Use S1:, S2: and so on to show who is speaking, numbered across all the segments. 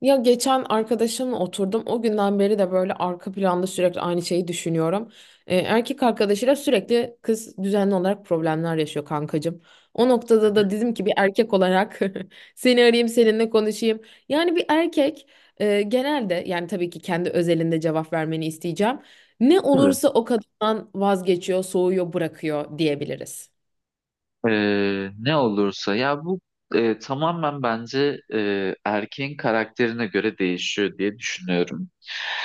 S1: Ya geçen arkadaşımla oturdum. O günden beri de böyle arka planda sürekli aynı şeyi düşünüyorum. Erkek arkadaşıyla sürekli kız düzenli olarak problemler yaşıyor kankacığım. O noktada da dedim ki bir erkek olarak seni arayayım seninle konuşayım. Yani bir erkek genelde yani tabii ki kendi özelinde cevap vermeni isteyeceğim. Ne
S2: Tabii.
S1: olursa o kadından vazgeçiyor, soğuyor, bırakıyor diyebiliriz.
S2: Ne olursa ya bu tamamen bence erkeğin karakterine göre değişiyor diye düşünüyorum.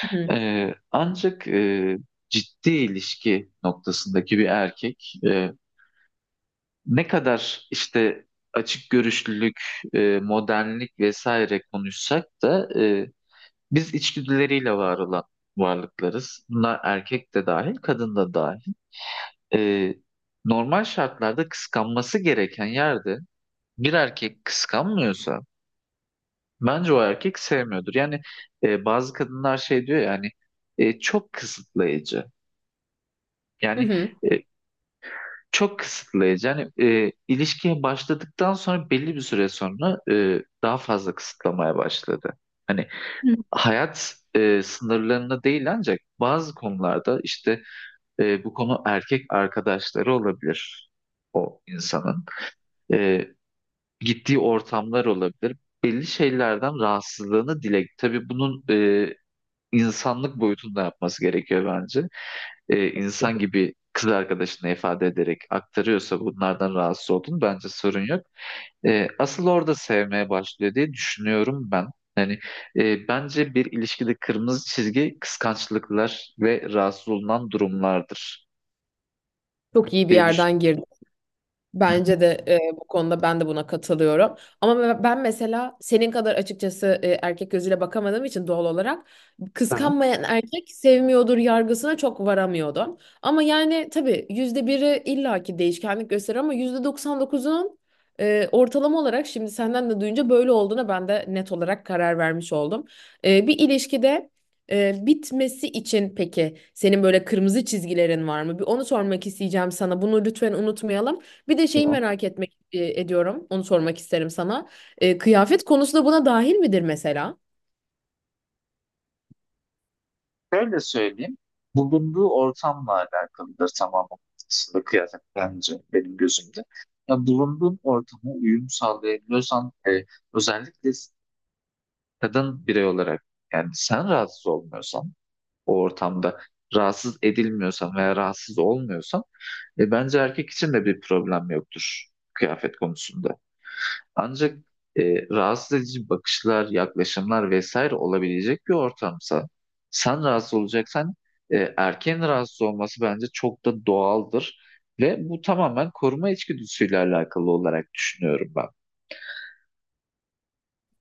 S1: Hı hı.
S2: Ancak ciddi ilişki noktasındaki bir erkek ne kadar işte açık görüşlülük, modernlik vesaire konuşsak da biz içgüdüleriyle var olan varlıklarız. Bunlar erkek de dahil, kadın da dahil. Ee, Normal şartlarda kıskanması gereken yerde bir erkek kıskanmıyorsa bence o erkek sevmiyordur. Yani bazı kadınlar şey diyor yani çok kısıtlayıcı. Yani
S1: Hı.
S2: e, çok kısıtlayıcı. Yani ilişkiye başladıktan sonra belli bir süre sonra daha fazla kısıtlamaya başladı. Hani hayat sınırlarına değil ancak bazı konularda işte bu konu erkek arkadaşları olabilir o insanın. E, gittiği ortamlar olabilir. Belli şeylerden rahatsızlığını dile. Tabii bunun insanlık boyutunda yapması gerekiyor bence. E, insan gibi kız arkadaşına ifade ederek aktarıyorsa bunlardan rahatsız olduğunu bence sorun yok. E, asıl orada sevmeye başlıyor diye düşünüyorum ben. Yani bence bir ilişkide kırmızı çizgi kıskançlıklar ve rahatsız olunan durumlardır
S1: Çok iyi bir
S2: diye düşünüyorum.
S1: yerden girdi. Bence de bu konuda ben de buna katılıyorum. Ama ben mesela senin kadar açıkçası erkek gözüyle bakamadığım için doğal olarak
S2: Tamam.
S1: kıskanmayan erkek sevmiyordur yargısına çok varamıyordum. Ama yani tabii yüzde biri illaki değişkenlik gösterir ama yüzde 99'un ortalama olarak şimdi senden de duyunca böyle olduğuna ben de net olarak karar vermiş oldum. Bir ilişkide bitmesi için peki senin böyle kırmızı çizgilerin var mı? Bir onu sormak isteyeceğim sana. Bunu lütfen unutmayalım. Bir de şeyi
S2: Tamam.
S1: merak etmek ediyorum. Onu sormak isterim sana. Kıyafet konusu da buna dahil midir mesela?
S2: Şöyle söyleyeyim. Bulunduğu ortamla alakalıdır tamamen aslında kıyafet bence benim gözümde. Ya bulunduğun ortama uyum sağlayabiliyorsan özellikle kadın birey olarak yani sen rahatsız olmuyorsan o ortamda rahatsız edilmiyorsan veya rahatsız olmuyorsan bence erkek için de bir problem yoktur kıyafet konusunda. Ancak rahatsız edici bakışlar, yaklaşımlar vesaire olabilecek bir ortamsa sen rahatsız olacaksan erkeğin rahatsız olması bence çok da doğaldır. Ve bu tamamen koruma içgüdüsüyle alakalı olarak düşünüyorum ben.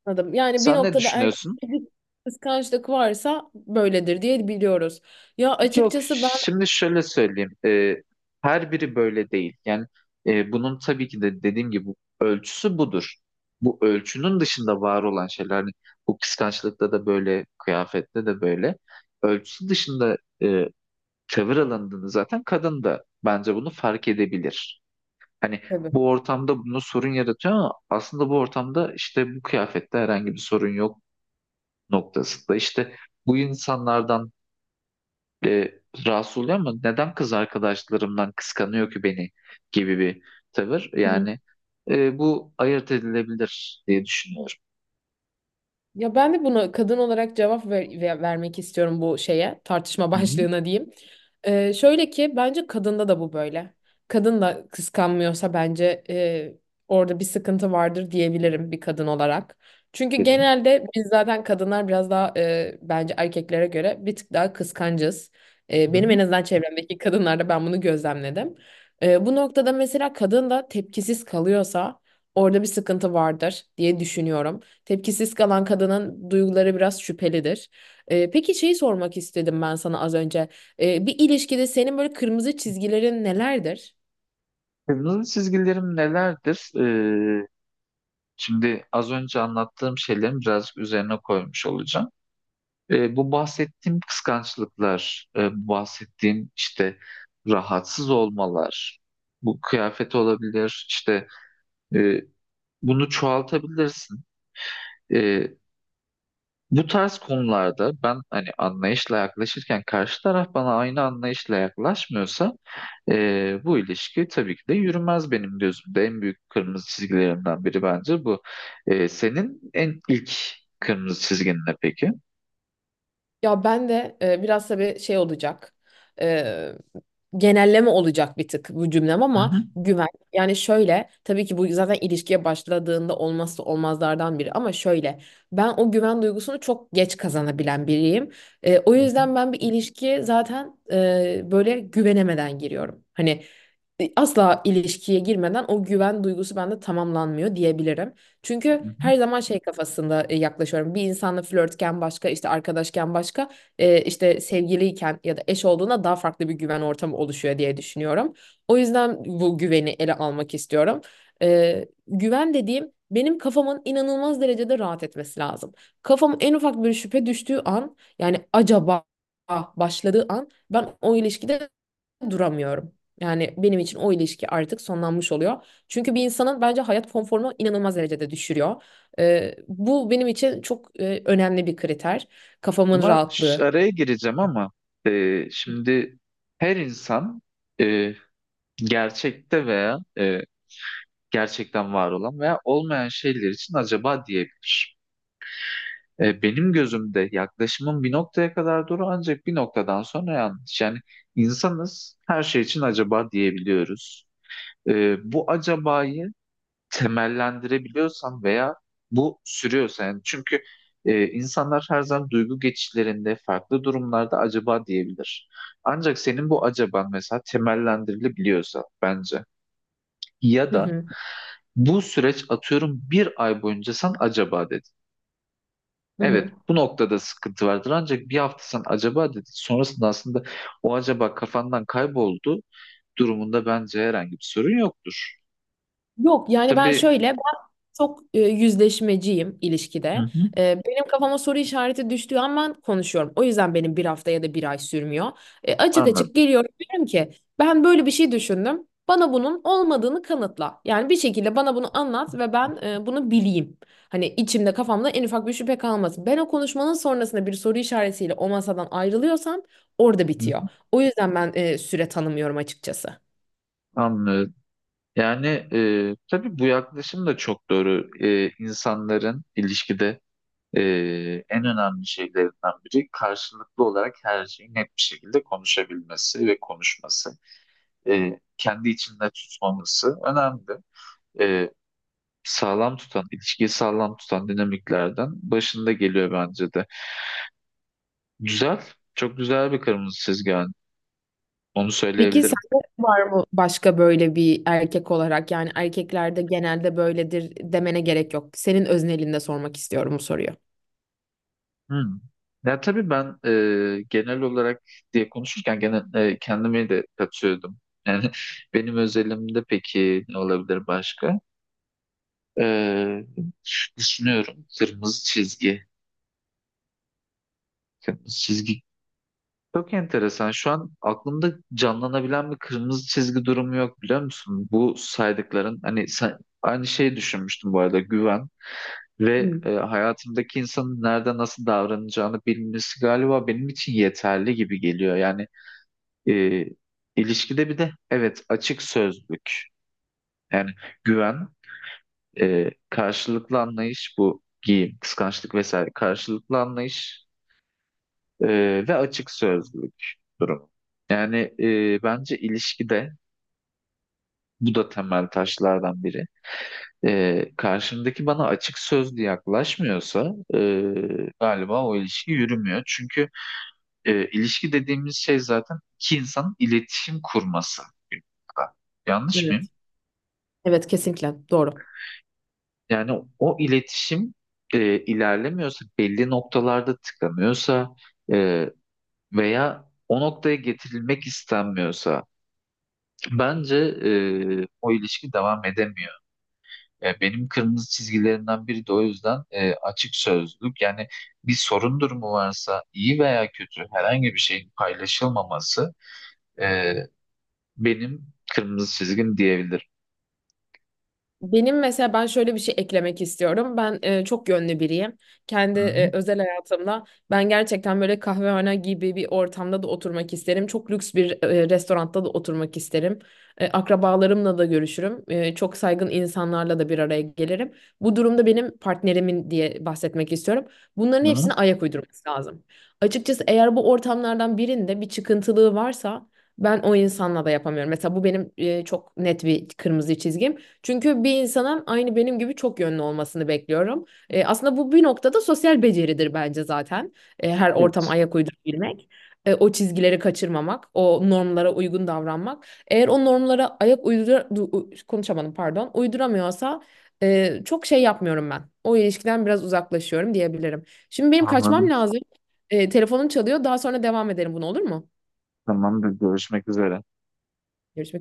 S1: Anladım. Yani bir
S2: Sen ne
S1: noktada erkek
S2: düşünüyorsun?
S1: bir kıskançlık varsa böyledir diye biliyoruz. Ya
S2: Yok,
S1: açıkçası ben
S2: şimdi şöyle söyleyeyim. Her biri böyle değil. Yani bunun tabii ki de dediğim gibi ölçüsü budur. Bu ölçünün dışında var olan şeyler hani bu kıskançlıkta da böyle, kıyafette de böyle. Ölçüsü dışında e, tavır alındığını zaten kadın da bence bunu fark edebilir. Hani
S1: tabii.
S2: bu ortamda bunu sorun yaratıyor ama aslında bu ortamda işte bu kıyafette herhangi bir sorun yok noktasında. İşte bu insanlardan e, rahatsız oluyor ama neden kız arkadaşlarımdan kıskanıyor ki beni gibi bir tavır.
S1: Hı.
S2: Yani bu ayırt edilebilir diye düşünüyorum.
S1: Ya ben de buna kadın olarak cevap vermek istiyorum bu şeye, tartışma
S2: Hı hı.
S1: başlığına diyeyim. Şöyle ki bence kadında da bu böyle. Kadın da kıskanmıyorsa bence orada bir sıkıntı vardır diyebilirim bir kadın olarak. Çünkü
S2: Dedim.
S1: genelde biz zaten kadınlar biraz daha bence erkeklere göre bir tık daha kıskancız.
S2: Hı hı.
S1: Benim en azından çevremdeki kadınlarda ben bunu gözlemledim. Bu noktada mesela kadın da tepkisiz kalıyorsa orada bir sıkıntı vardır diye düşünüyorum. Tepkisiz kalan kadının duyguları biraz şüphelidir. Peki şeyi sormak istedim ben sana az önce. Bir ilişkide senin böyle kırmızı çizgilerin nelerdir?
S2: Kırmızı çizgilerim nelerdir? E, şimdi az önce anlattığım şeylerin birazcık üzerine koymuş olacağım. E, bu bahsettiğim kıskançlıklar, e, bu bahsettiğim işte rahatsız olmalar, bu kıyafet olabilir, işte e, bunu çoğaltabilirsin. E, bu tarz konularda ben hani anlayışla yaklaşırken karşı taraf bana aynı anlayışla yaklaşmıyorsa bu ilişki tabii ki de yürümez benim gözümde. En büyük kırmızı çizgilerimden biri bence bu. E, senin en ilk kırmızı çizgin ne peki?
S1: Ya ben de biraz tabii şey olacak. e, Genelleme olacak bir tık bu cümlem
S2: Hı
S1: ama
S2: hı.
S1: güven. Yani şöyle tabii ki bu zaten ilişkiye başladığında olmazsa olmazlardan biri ama şöyle ben o güven duygusunu çok geç kazanabilen biriyim. O
S2: Hı hı.
S1: yüzden ben bir ilişkiye zaten böyle güvenemeden giriyorum. Hani asla ilişkiye girmeden o güven duygusu bende tamamlanmıyor diyebilirim.
S2: Hı
S1: Çünkü
S2: hı.
S1: her zaman şey kafasında yaklaşıyorum. Bir insanla flörtken başka, işte arkadaşken başka, işte sevgiliyken ya da eş olduğunda daha farklı bir güven ortamı oluşuyor diye düşünüyorum. O yüzden bu güveni ele almak istiyorum. Güven dediğim benim kafamın inanılmaz derecede rahat etmesi lazım. Kafam en ufak bir şüphe düştüğü an yani acaba başladığı an ben o ilişkide duramıyorum. Yani benim için o ilişki artık sonlanmış oluyor. Çünkü bir insanın bence hayat konforunu inanılmaz derecede düşürüyor. Bu benim için çok önemli bir kriter. Kafamın
S2: Ama
S1: rahatlığı.
S2: araya gireceğim ama şimdi her insan e, gerçekte veya gerçekten var olan veya olmayan şeyler için acaba diyebilir. E, benim gözümde yaklaşımın bir noktaya kadar doğru ancak bir noktadan sonra yanlış. Yani insanız her şey için acaba diyebiliyoruz. E, bu acabayı temellendirebiliyorsan veya bu sürüyorsa yani çünkü insanlar her zaman duygu geçişlerinde farklı durumlarda acaba diyebilir. Ancak senin bu acaban mesela temellendirilebiliyorsa bence ya
S1: Hı
S2: da
S1: hı.
S2: bu süreç atıyorum bir ay boyunca sen acaba dedin.
S1: Hı hı.
S2: Evet, bu noktada sıkıntı vardır. Ancak bir hafta sen acaba dedin. Sonrasında aslında o acaba kafandan kayboldu durumunda bence herhangi bir sorun yoktur.
S1: Yok yani ben
S2: Tabii.
S1: şöyle ben çok yüzleşmeciyim ilişkide.
S2: Hı hı.
S1: Benim kafama soru işareti düştüğü an ben konuşuyorum. O yüzden benim bir hafta ya da bir ay sürmüyor. Açık
S2: Anladım.
S1: açık geliyorum diyorum ki ben böyle bir şey düşündüm. Bana bunun olmadığını kanıtla. Yani bir şekilde bana bunu anlat ve ben bunu bileyim. Hani içimde kafamda en ufak bir şüphe kalmasın. Ben o konuşmanın sonrasında bir soru işaretiyle o masadan ayrılıyorsam orada
S2: Hı
S1: bitiyor.
S2: hı.
S1: O yüzden ben süre tanımıyorum açıkçası.
S2: Anlıyorum. Yani tabii bu yaklaşım da çok doğru. E, insanların ilişkide e, en önemli şeylerinden biri karşılıklı olarak her şeyi net bir şekilde konuşabilmesi ve konuşması. E, kendi içinde tutmaması önemli. E, sağlam tutan, ilişkiyi sağlam tutan dinamiklerden başında geliyor bence de. Güzel, çok güzel bir kırmızı çizgi. Yani. Onu
S1: Peki
S2: söyleyebilirim.
S1: sende var mı başka böyle bir erkek olarak yani erkeklerde genelde böyledir demene gerek yok. Senin öznelinde sormak istiyorum bu soruyu.
S2: Hmm. Ya tabii ben genel olarak diye konuşurken gene kendimi de katıyordum. Yani benim özelimde peki ne olabilir başka? E, düşünüyorum. Kırmızı çizgi. Kırmızı çizgi. Çok enteresan. Şu an aklımda canlanabilen bir kırmızı çizgi durumu yok biliyor musun? Bu saydıkların hani sen, aynı şeyi düşünmüştüm bu arada güven ve
S1: Hı,
S2: hayatımdaki insanın nerede nasıl davranacağını bilmesi galiba benim için yeterli gibi geliyor. Yani e, ilişkide bir de evet açık sözlük yani güven karşılıklı anlayış bu giyim kıskançlık vesaire karşılıklı anlayış. Ve açık sözlülük durumu. Yani bence ilişkide bu da temel taşlardan biri. Karşımdaki bana açık sözlü yaklaşmıyorsa galiba o ilişki yürümüyor. Çünkü ilişki dediğimiz şey zaten iki insanın iletişim kurması. Yanlış
S1: evet.
S2: mıyım?
S1: Evet, kesinlikle doğru.
S2: Yani o iletişim ilerlemiyorsa, belli noktalarda tıkanıyorsa e, veya o noktaya getirilmek istenmiyorsa bence o ilişki devam edemiyor. E, benim kırmızı çizgilerimden biri de o yüzden açık sözlülük. Yani bir sorun durumu varsa iyi veya kötü herhangi bir şeyin paylaşılmaması e, benim kırmızı çizgim diyebilirim.
S1: Benim mesela ben şöyle bir şey eklemek istiyorum. Ben çok yönlü biriyim. Kendi
S2: Hı hı.
S1: özel hayatımda ben gerçekten böyle kahvehane gibi bir ortamda da oturmak isterim. Çok lüks bir restoranda da oturmak isterim. Akrabalarımla da görüşürüm. Çok saygın insanlarla da bir araya gelirim. Bu durumda benim partnerimin diye bahsetmek istiyorum. Bunların
S2: Hı hı.
S1: hepsine ayak uydurması lazım. Açıkçası eğer bu ortamlardan birinde bir çıkıntılığı varsa ben o insanla da yapamıyorum. Mesela bu benim çok net bir kırmızı çizgim. Çünkü bir insanın aynı benim gibi çok yönlü olmasını bekliyorum. Aslında bu bir noktada sosyal beceridir bence zaten. Her ortama
S2: Evet.
S1: ayak uydurabilmek. O çizgileri kaçırmamak, o normlara uygun davranmak. Eğer o normlara ayak uydura konuşamadım, pardon, uyduramıyorsa çok şey yapmıyorum ben. O ilişkiden biraz uzaklaşıyorum diyebilirim. Şimdi benim kaçmam
S2: Anladım.
S1: lazım. Telefonum çalıyor. Daha sonra devam edelim bunu, olur mu?
S2: Tamamdır. Görüşmek üzere.
S1: Görüşmek